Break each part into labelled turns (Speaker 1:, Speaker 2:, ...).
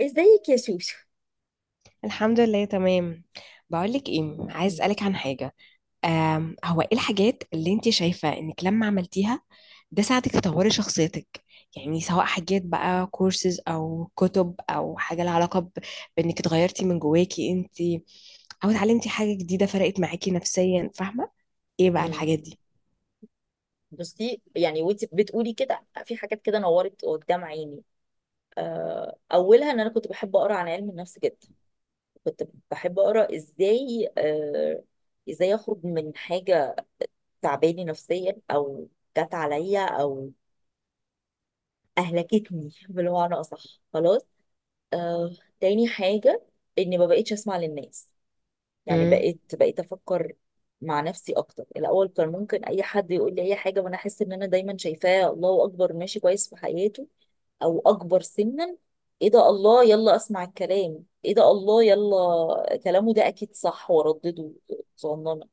Speaker 1: ازيك يا شوشو.
Speaker 2: الحمد لله تمام. بقولك ايه، عايز
Speaker 1: مم.
Speaker 2: اسالك عن حاجه. هو ايه الحاجات اللي انت شايفه انك لما عملتيها ده ساعدك تطوري شخصيتك؟ يعني سواء حاجات بقى كورسز او كتب او حاجه لها علاقه بانك اتغيرتي من جواكي انت، او اتعلمتي حاجه جديده فرقت معاكي نفسيا، فاهمه؟ ايه بقى
Speaker 1: مم.
Speaker 2: الحاجات دي؟
Speaker 1: بصي، يعني وانت بتقولي كده في حاجات كده نورت قدام عيني. اولها ان انا كنت بحب اقرا عن علم النفس جدا. كنت بحب اقرا ازاي، ازاي اخرج من حاجه تعباني نفسيا، او جت عليا، او اهلكتني بالمعنى اصح. خلاص. آه، تاني حاجه اني ما بقتش اسمع للناس. يعني
Speaker 2: مم.
Speaker 1: بقيت افكر مع نفسي اكتر. الاول كان ممكن اي حد يقول لي اي حاجه وانا احس ان انا دايما شايفاه الله اكبر، ماشي كويس في حياته او اكبر سنا. ايه ده، الله، يلا اسمع الكلام، ايه ده، الله، يلا كلامه ده اكيد صح وردده صنانه.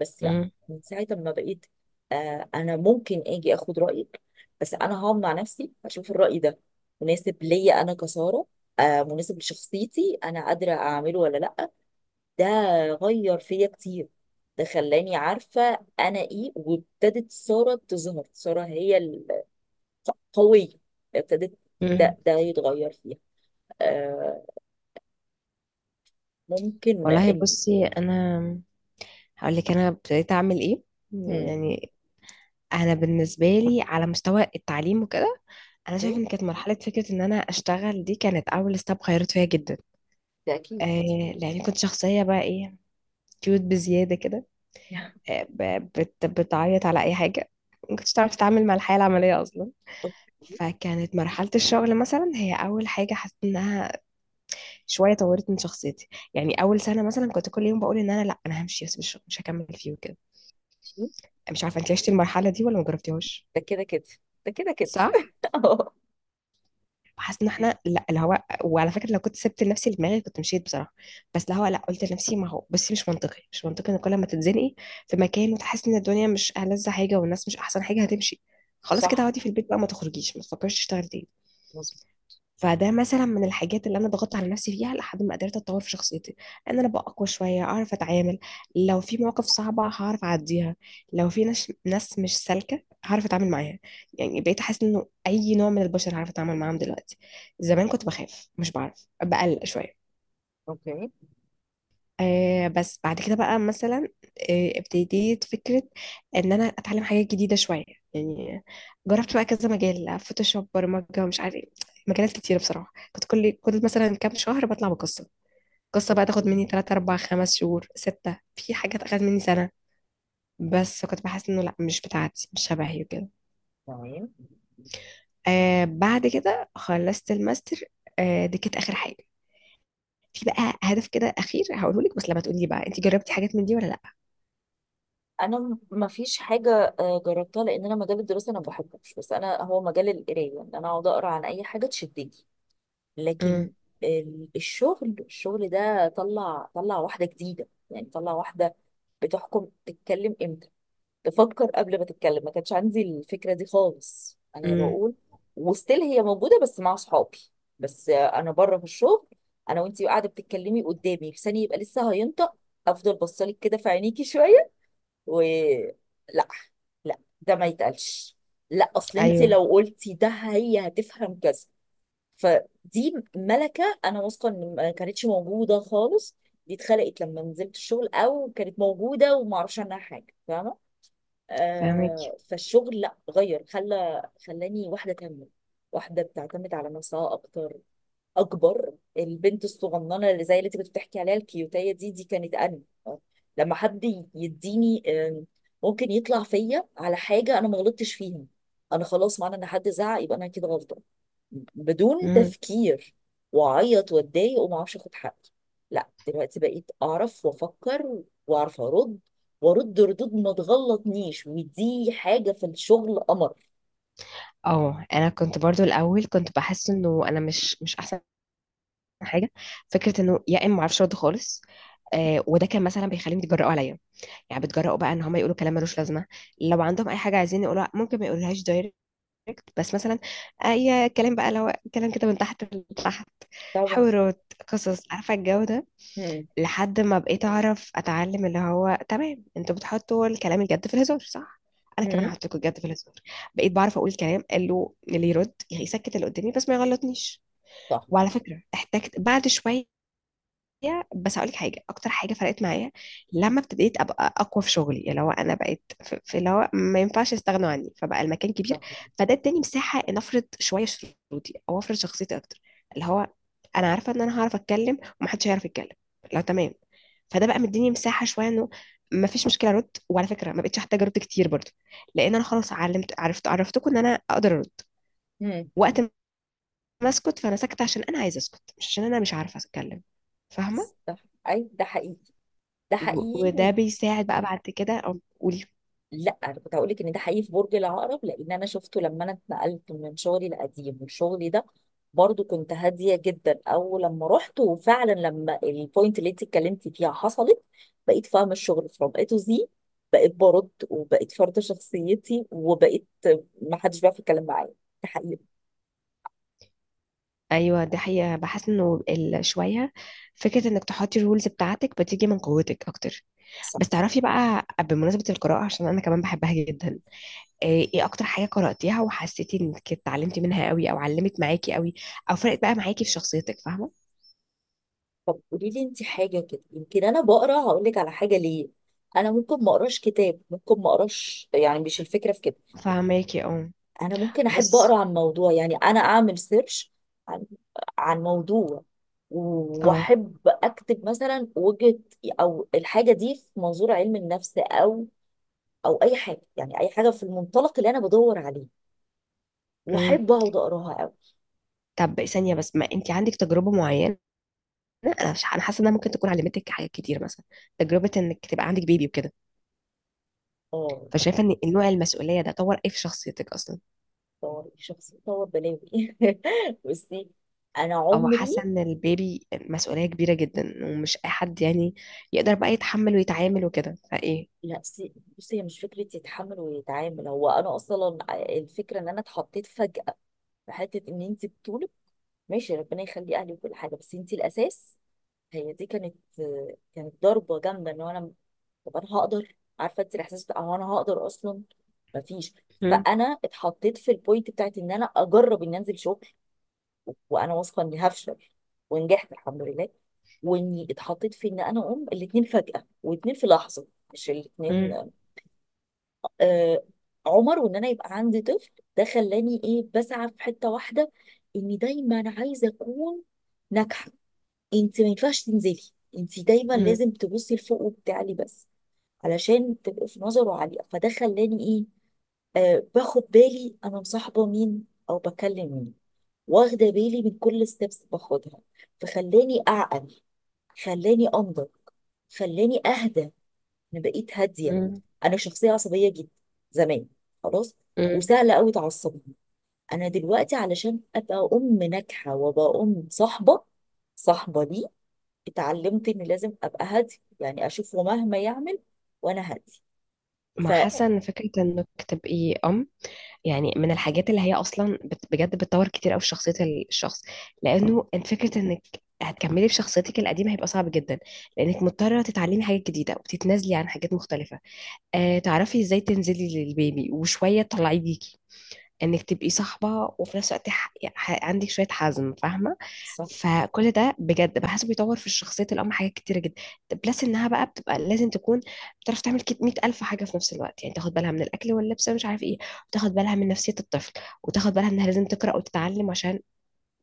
Speaker 1: بس لا،
Speaker 2: مم.
Speaker 1: من ساعه ما بقيت، انا ممكن اجي اخد رايك، بس انا هقعد مع نفسي اشوف الراي ده مناسب ليا انا كساره. آه، مناسب لشخصيتي، انا قادره اعمله ولا لا؟ ده غير فيا كتير. ده خلاني عارفة أنا إيه، وابتدت سارة تظهر. سارة هي القوية، ابتدت ده,
Speaker 2: مم.
Speaker 1: ده يتغير فيها. آه، ممكن
Speaker 2: والله
Speaker 1: إن.
Speaker 2: بصي، انا هقول لك انا ابتديت اعمل ايه.
Speaker 1: هم.
Speaker 2: يعني انا بالنسبه لي على مستوى التعليم وكده، انا شايفه
Speaker 1: أوكي،
Speaker 2: ان كانت مرحله فكره ان انا اشتغل دي كانت اول ستاب غيرت فيا جدا.
Speaker 1: ده اكيد.
Speaker 2: آه، لاني كنت شخصيه بقى ايه، كيوت بزياده كده. آه، ب- بت بتعيط على اي حاجه، ما كنتش تعرف تتعامل مع الحياه العمليه اصلا.
Speaker 1: أوكي،
Speaker 2: فكانت مرحله الشغل مثلا هي اول حاجه حسيت انها شويه طورت من شخصيتي. يعني اول سنه مثلا كنت كل يوم بقول ان انا لا، انا همشي، بس مش هكمل فيه وكده. مش عارفه انت عشتي المرحله دي ولا ما جربتيهاش؟
Speaker 1: ده كده كده ده كده كده
Speaker 2: صح.
Speaker 1: آه.
Speaker 2: وحاسه ان احنا لا اللي هو، وعلى فكره لو كنت سبت لنفسي دماغي كنت مشيت بصراحه. بس اللي هو لا، قلت لنفسي ما هو بس مش منطقي، مش منطقي ان كل ما تتزنقي في مكان وتحسي ان الدنيا مش ألذ حاجه والناس مش احسن حاجه هتمشي، خلاص كده
Speaker 1: صح،
Speaker 2: اقعدي في البيت بقى، ما تخرجيش، ما تفكريش تشتغلي تاني.
Speaker 1: مظبوط.
Speaker 2: فده مثلا من الحاجات اللي انا ضغطت على نفسي فيها لحد ما قدرت اتطور في شخصيتي، ان انا ابقى اقوى شويه، اعرف اتعامل. لو في مواقف صعبه هعرف اعديها، لو في ناس مش سالكه هعرف اتعامل معاها. يعني بقيت احس انه اي نوع من البشر هعرف اتعامل معاهم دلوقتي. زمان كنت بخاف، مش بعرف، بقلق شويه.
Speaker 1: اوكي.
Speaker 2: آه، بس بعد كده بقى مثلا، آه، ابتديت فكرة ان انا اتعلم حاجات جديدة شوية. يعني جربت بقى كذا مجال، فوتوشوب، برمجة، مش عارف ايه، مجالات كتيرة بصراحة. كنت كل مثلا كام شهر بطلع بقصة، قصة بقى
Speaker 1: اوكي،
Speaker 2: تاخد مني 3 4 5 شهور 6، في حاجات اخدت مني سنة. بس كنت بحس انه لا، مش بتاعتي، مش شبهي وكده.
Speaker 1: تمام.
Speaker 2: آه بعد كده خلصت الماستر، آه دي كانت اخر حاجة. في بقى هدف كده اخير هقوله لك، بس لما تقولي بقى انت جربتي حاجات من دي ولا لا؟
Speaker 1: انا ما فيش حاجه، جربتها، لان انا مجال الدراسه انا ما بحبوش، بس انا هو مجال القرايه ان انا اقعد اقرا عن اي حاجه تشدني. لكن
Speaker 2: امم
Speaker 1: الشغل ده طلع واحدة جديدة، يعني طلع واحدة بتحكم تتكلم امتى، تفكر قبل ما تتكلم. ما كانش عندي الفكرة دي خالص انا
Speaker 2: امم
Speaker 1: بقول، وستيل هي موجودة بس مع صحابي، بس انا بره في الشغل انا وانتي قاعدة بتتكلمي قدامي لساني يبقى لسه هينطق، افضل بصلك كده في عينيكي شوية، و لا، لا ده ما يتقالش، لا اصل انت
Speaker 2: ايوه،
Speaker 1: لو قلتي ده هي هتفهم كذا. فدي ملكة أنا واثقة إن ما كانتش موجودة خالص. دي اتخلقت لما نزلت الشغل أو كانت موجودة ومعرفش عنها حاجة، فاهمة؟
Speaker 2: فاهمك.
Speaker 1: آه، فالشغل لا غير خلاني واحدة تانية، واحدة بتعتمد على نفسها أكتر أكبر. البنت الصغننة اللي زي اللي أنت كنت بتحكي عليها الكيوتية دي دي كانت أنا. آه، لما حد يديني، ممكن يطلع فيا على حاجة أنا ما غلطتش فيها، أنا خلاص معنى إن حد زعق يبقى أنا كده غلطانة، بدون
Speaker 2: مم.
Speaker 1: تفكير، واعيط واتضايق وما اعرفش اخد حقي. لا، دلوقتي بقيت اعرف وافكر واعرف ارد، وارد ردود ما تغلطنيش، ودي حاجه في الشغل قمر.
Speaker 2: اه انا كنت برضو الاول كنت بحس انه انا مش احسن حاجه. فكره انه يا اما ما اعرفش ارد خالص. آه، وده كان مثلا بيخليهم يتجرأوا عليا، يعني بيتجرأوا بقى ان هم يقولوا كلام ملوش لازمه. لو عندهم اي حاجه عايزين يقولوها ممكن ما يقولوهاش دايركت، بس مثلا اي كلام بقى، لو كلام كده من تحت لتحت،
Speaker 1: طبعا.
Speaker 2: حوارات، قصص، عارفه الجو ده.
Speaker 1: هم.
Speaker 2: لحد ما بقيت اعرف اتعلم اللي هو تمام، انتوا بتحطوا الكلام الجد في الهزار، صح، انا كمان
Speaker 1: هم.
Speaker 2: هحط لكم الجد في الهزار. بقيت بعرف اقول كلام قال له اللي يرد يسكت، اللي قدامي بس ما يغلطنيش.
Speaker 1: صح.
Speaker 2: وعلى فكره احتجت بعد شويه معايا، بس هقول لك حاجه، اكتر حاجه فرقت معايا لما ابتديت ابقى اقوى في شغلي، اللي هو انا بقيت في اللي هو ما ينفعش يستغنوا عني، فبقى المكان كبير.
Speaker 1: صح.
Speaker 2: فده اداني مساحه ان افرض شويه شروطي او افرض شخصيتي اكتر. اللي هو انا عارفه ان انا هعرف اتكلم ومحدش هيعرف يتكلم لو تمام. فده بقى مديني مساحه شويه انه ما فيش مشكله ارد، وعلى فكره ما بقتش احتاج ارد كتير برضه، لان انا خلاص علمت عرفت عرفتكم ان انا اقدر ارد
Speaker 1: هم.
Speaker 2: وقت ما اسكت. فانا ساكته عشان انا عايزه اسكت، مش عشان انا مش عارفه اتكلم، فاهمه؟
Speaker 1: صح. اي ده حقيقي. ده
Speaker 2: وده
Speaker 1: حقيقي.
Speaker 2: بيساعد بقى بعد كده، أو قولي.
Speaker 1: لا، انا كنت هقول لك ان ده حقيقي في برج العقرب، لان انا شفته لما انا اتنقلت من شغلي القديم والشغل ده، برضو كنت هاديه جدا اول لما رحت. وفعلا لما البوينت اللي انت اتكلمتي فيها حصلت، بقيت فاهمه الشغل فروم اي تو زي، بقيت برد وبقيت فرض شخصيتي وبقيت ما حدش بيعرف يتكلم معايا. ده حقيقي.
Speaker 2: ايوه دي حقيقة. بحس انه شوية، فكرة انك تحطي الرولز بتاعتك بتيجي من قوتك اكتر.
Speaker 1: صح.
Speaker 2: بس تعرفي بقى، بمناسبة القراءة عشان انا كمان بحبها جدا، ايه إيه اكتر حاجة قرأتيها وحسيتي انك اتعلمتي منها قوي، او علمت معاكي قوي، او فرقت بقى معاكي في شخصيتك، فاهمة؟
Speaker 1: طب قولي لي انت حاجه كده، يمكن انا بقرا هقول لك على حاجه. ليه؟ انا ممكن ما اقراش كتاب، ممكن ما اقراش، يعني مش الفكره في كده.
Speaker 2: فاهماكي اه.
Speaker 1: انا ممكن احب
Speaker 2: بس
Speaker 1: اقرا عن موضوع، يعني انا اعمل سيرش عن عن موضوع،
Speaker 2: اه،
Speaker 1: واحب اكتب مثلا وجهة، او الحاجه دي في منظور علم النفس، او او اي حاجه، يعني اي حاجه في المنطلق اللي انا بدور عليه،
Speaker 2: امم
Speaker 1: واحب اقعد اقراها قوي.
Speaker 2: طب ثانية بس، ما انت عندك تجربة معينة. انا مش- أنا حاسة انها ممكن تكون علمتك حاجات كتير مثلا، تجربة انك تبقى عندك بيبي وكده.
Speaker 1: اه،
Speaker 2: فشايفه ان نوع المسؤوليه ده طور ايه في شخصيتك اصلا؟
Speaker 1: طور شخصية، طور بلاوي. بصي انا
Speaker 2: او حاسه
Speaker 1: عمري.
Speaker 2: ان البيبي مسؤوليه كبيره جدا ومش اي حد يعني يقدر بقى يتحمل ويتعامل وكده، فايه؟
Speaker 1: لا بصي، هي مش فكره يتحمل ويتعامل، هو انا اصلا الفكره ان انا اتحطيت فجاه في حته ان انت بتقولي ماشي، ربنا يخلي اهلي وكل حاجه بس انت الاساس. هي دي كانت ضربه جامده ان هو انا. طب انا هقدر؟ عارفه انت الاحساس بتاع هو انا هقدر اصلا؟ مفيش.
Speaker 2: مم.
Speaker 1: فانا اتحطيت في البوينت بتاعت ان انا اجرب اني انزل شغل وانا واثقه اني هفشل، ونجحت الحمد لله، واني اتحطيت في ان انا اقوم الاتنين فجاه، واتنين في لحظه، مش
Speaker 2: مم.
Speaker 1: الاتنين، آه، عمر، وان انا يبقى عندي طفل. ده خلاني ايه، بسعى في حته واحده اني دايما عايزه اكون ناجحه. انت ما ينفعش تنزلي، انت دايما
Speaker 2: مم.
Speaker 1: لازم تبصي لفوق وبتعلي بس. علشان تبقي في نظره عالية، فده خلاني ايه، آه باخد بالي انا مصاحبة مين او بكلم مين، واخدة بالي من كل ستيبس باخدها. فخلاني اعقل، خلاني انضج، خلاني اهدى. انا بقيت هادية.
Speaker 2: مم.
Speaker 1: انا شخصية عصبية جدا زمان، خلاص،
Speaker 2: مم.
Speaker 1: وسهلة قوي تعصبني. انا دلوقتي علشان ابقى ام ناجحة وابقى ام صاحبة، صاحبة ليه، اتعلمت اني لازم ابقى هادي. يعني اشوفه مهما يعمل وانا هادي.
Speaker 2: ما
Speaker 1: ف،
Speaker 2: حاسه ان فكره انك تبقي ام، يعني من الحاجات اللي هي اصلا بجد بتطور كتير قوي في شخصيه الشخص. لانه انت فكره انك هتكملي في شخصيتك القديمه هيبقى صعب جدا، لانك مضطره تتعلمي حاجات جديده وتتنازلي عن حاجات مختلفه. آه، تعرفي ازاي تنزلي للبيبي وشويه تطلعيه بيكي، انك تبقي صاحبه وفي نفس الوقت عندك شويه حزم، فاهمه؟
Speaker 1: صح.
Speaker 2: فكل ده بجد بحسه بيطور في شخصيه الام حاجات كتيره جدا. بلس انها بقى بتبقى لازم تكون بتعرف تعمل 100000 حاجه في نفس الوقت، يعني تاخد بالها من الاكل واللبس ومش عارف ايه، وتاخد بالها من نفسيه الطفل، وتاخد بالها انها لازم تقرا وتتعلم عشان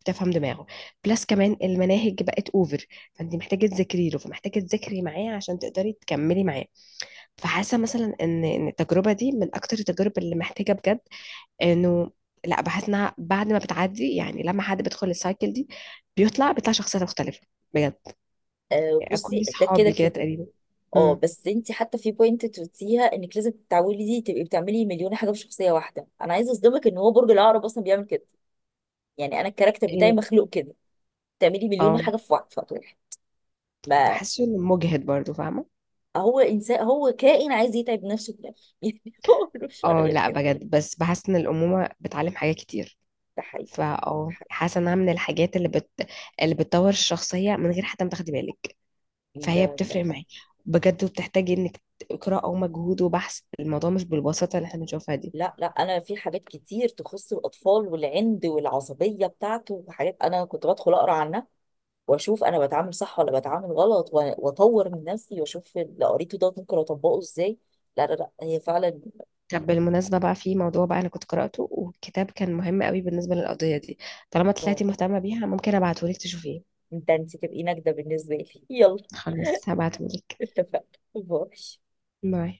Speaker 2: تفهم دماغه. بلس كمان المناهج بقت اوفر، فانت محتاجه تذاكري له، فمحتاجه تذاكري معاه عشان تقدري تكملي معاه. فحاسه مثلا ان التجربه دي من اكتر التجارب اللي محتاجه بجد انه، لا بحس انها بعد ما بتعدي، يعني لما حد بيدخل السايكل دي بيطلع شخصية مختلفة بجد.
Speaker 1: آه،
Speaker 2: يعني
Speaker 1: بصي،
Speaker 2: كل
Speaker 1: ده كده
Speaker 2: صحابي كده
Speaker 1: كده.
Speaker 2: تقريبا.
Speaker 1: اه
Speaker 2: امم
Speaker 1: بس انت حتى في بوينت تقوليها انك لازم تتعودي تبقي بتعملي مليون حاجه في شخصيه واحده، انا عايزه اصدمك ان هو برج العقرب اصلا بيعمل كده. يعني انا الكاركتر بتاعي
Speaker 2: إيه،
Speaker 1: مخلوق كده، تعملي مليون
Speaker 2: اه
Speaker 1: حاجه في وقت واحد، ما
Speaker 2: بحسه انه مجهد برضو، فاهمة؟
Speaker 1: هو انسان، هو كائن عايز يتعب نفسه في الاخر يعني، هو ملوش شر
Speaker 2: اه
Speaker 1: غير
Speaker 2: لا
Speaker 1: كده.
Speaker 2: بجد، بس بحس ان الأمومة بتعلم حاجات كتير.
Speaker 1: ده حقيقي.
Speaker 2: فا
Speaker 1: ده
Speaker 2: اه
Speaker 1: حقيقي.
Speaker 2: حاسة انها من الحاجات اللي بتطور الشخصية من غير حتى ما تاخدي بالك.
Speaker 1: ده
Speaker 2: فهي
Speaker 1: ده
Speaker 2: بتفرق
Speaker 1: فعلا.
Speaker 2: معاكي بجد وبتحتاجي انك قراءة ومجهود وبحث. الموضوع مش بالبساطة اللي احنا بنشوفها دي.
Speaker 1: لا لا، انا في حاجات كتير تخص الاطفال والعند والعصبيه بتاعته، وحاجات انا كنت بدخل اقرا عنها واشوف انا بتعامل صح ولا بتعامل غلط، واطور من نفسي واشوف اللي قريته ده ممكن اطبقه ازاي. لا لا لا، هي فعلا.
Speaker 2: طب بالمناسبة بقى في موضوع بقى أنا كنت قرأته، وكتاب كان مهم قوي بالنسبة للقضية دي، طالما
Speaker 1: واو.
Speaker 2: طلعتي مهتمة بيها ممكن أبعتهولك تشوفيه.
Speaker 1: انت تبقي نجده بالنسبه لي. يلا
Speaker 2: خلاص، هبعتهولك.
Speaker 1: اتفقنا. باي.
Speaker 2: باي.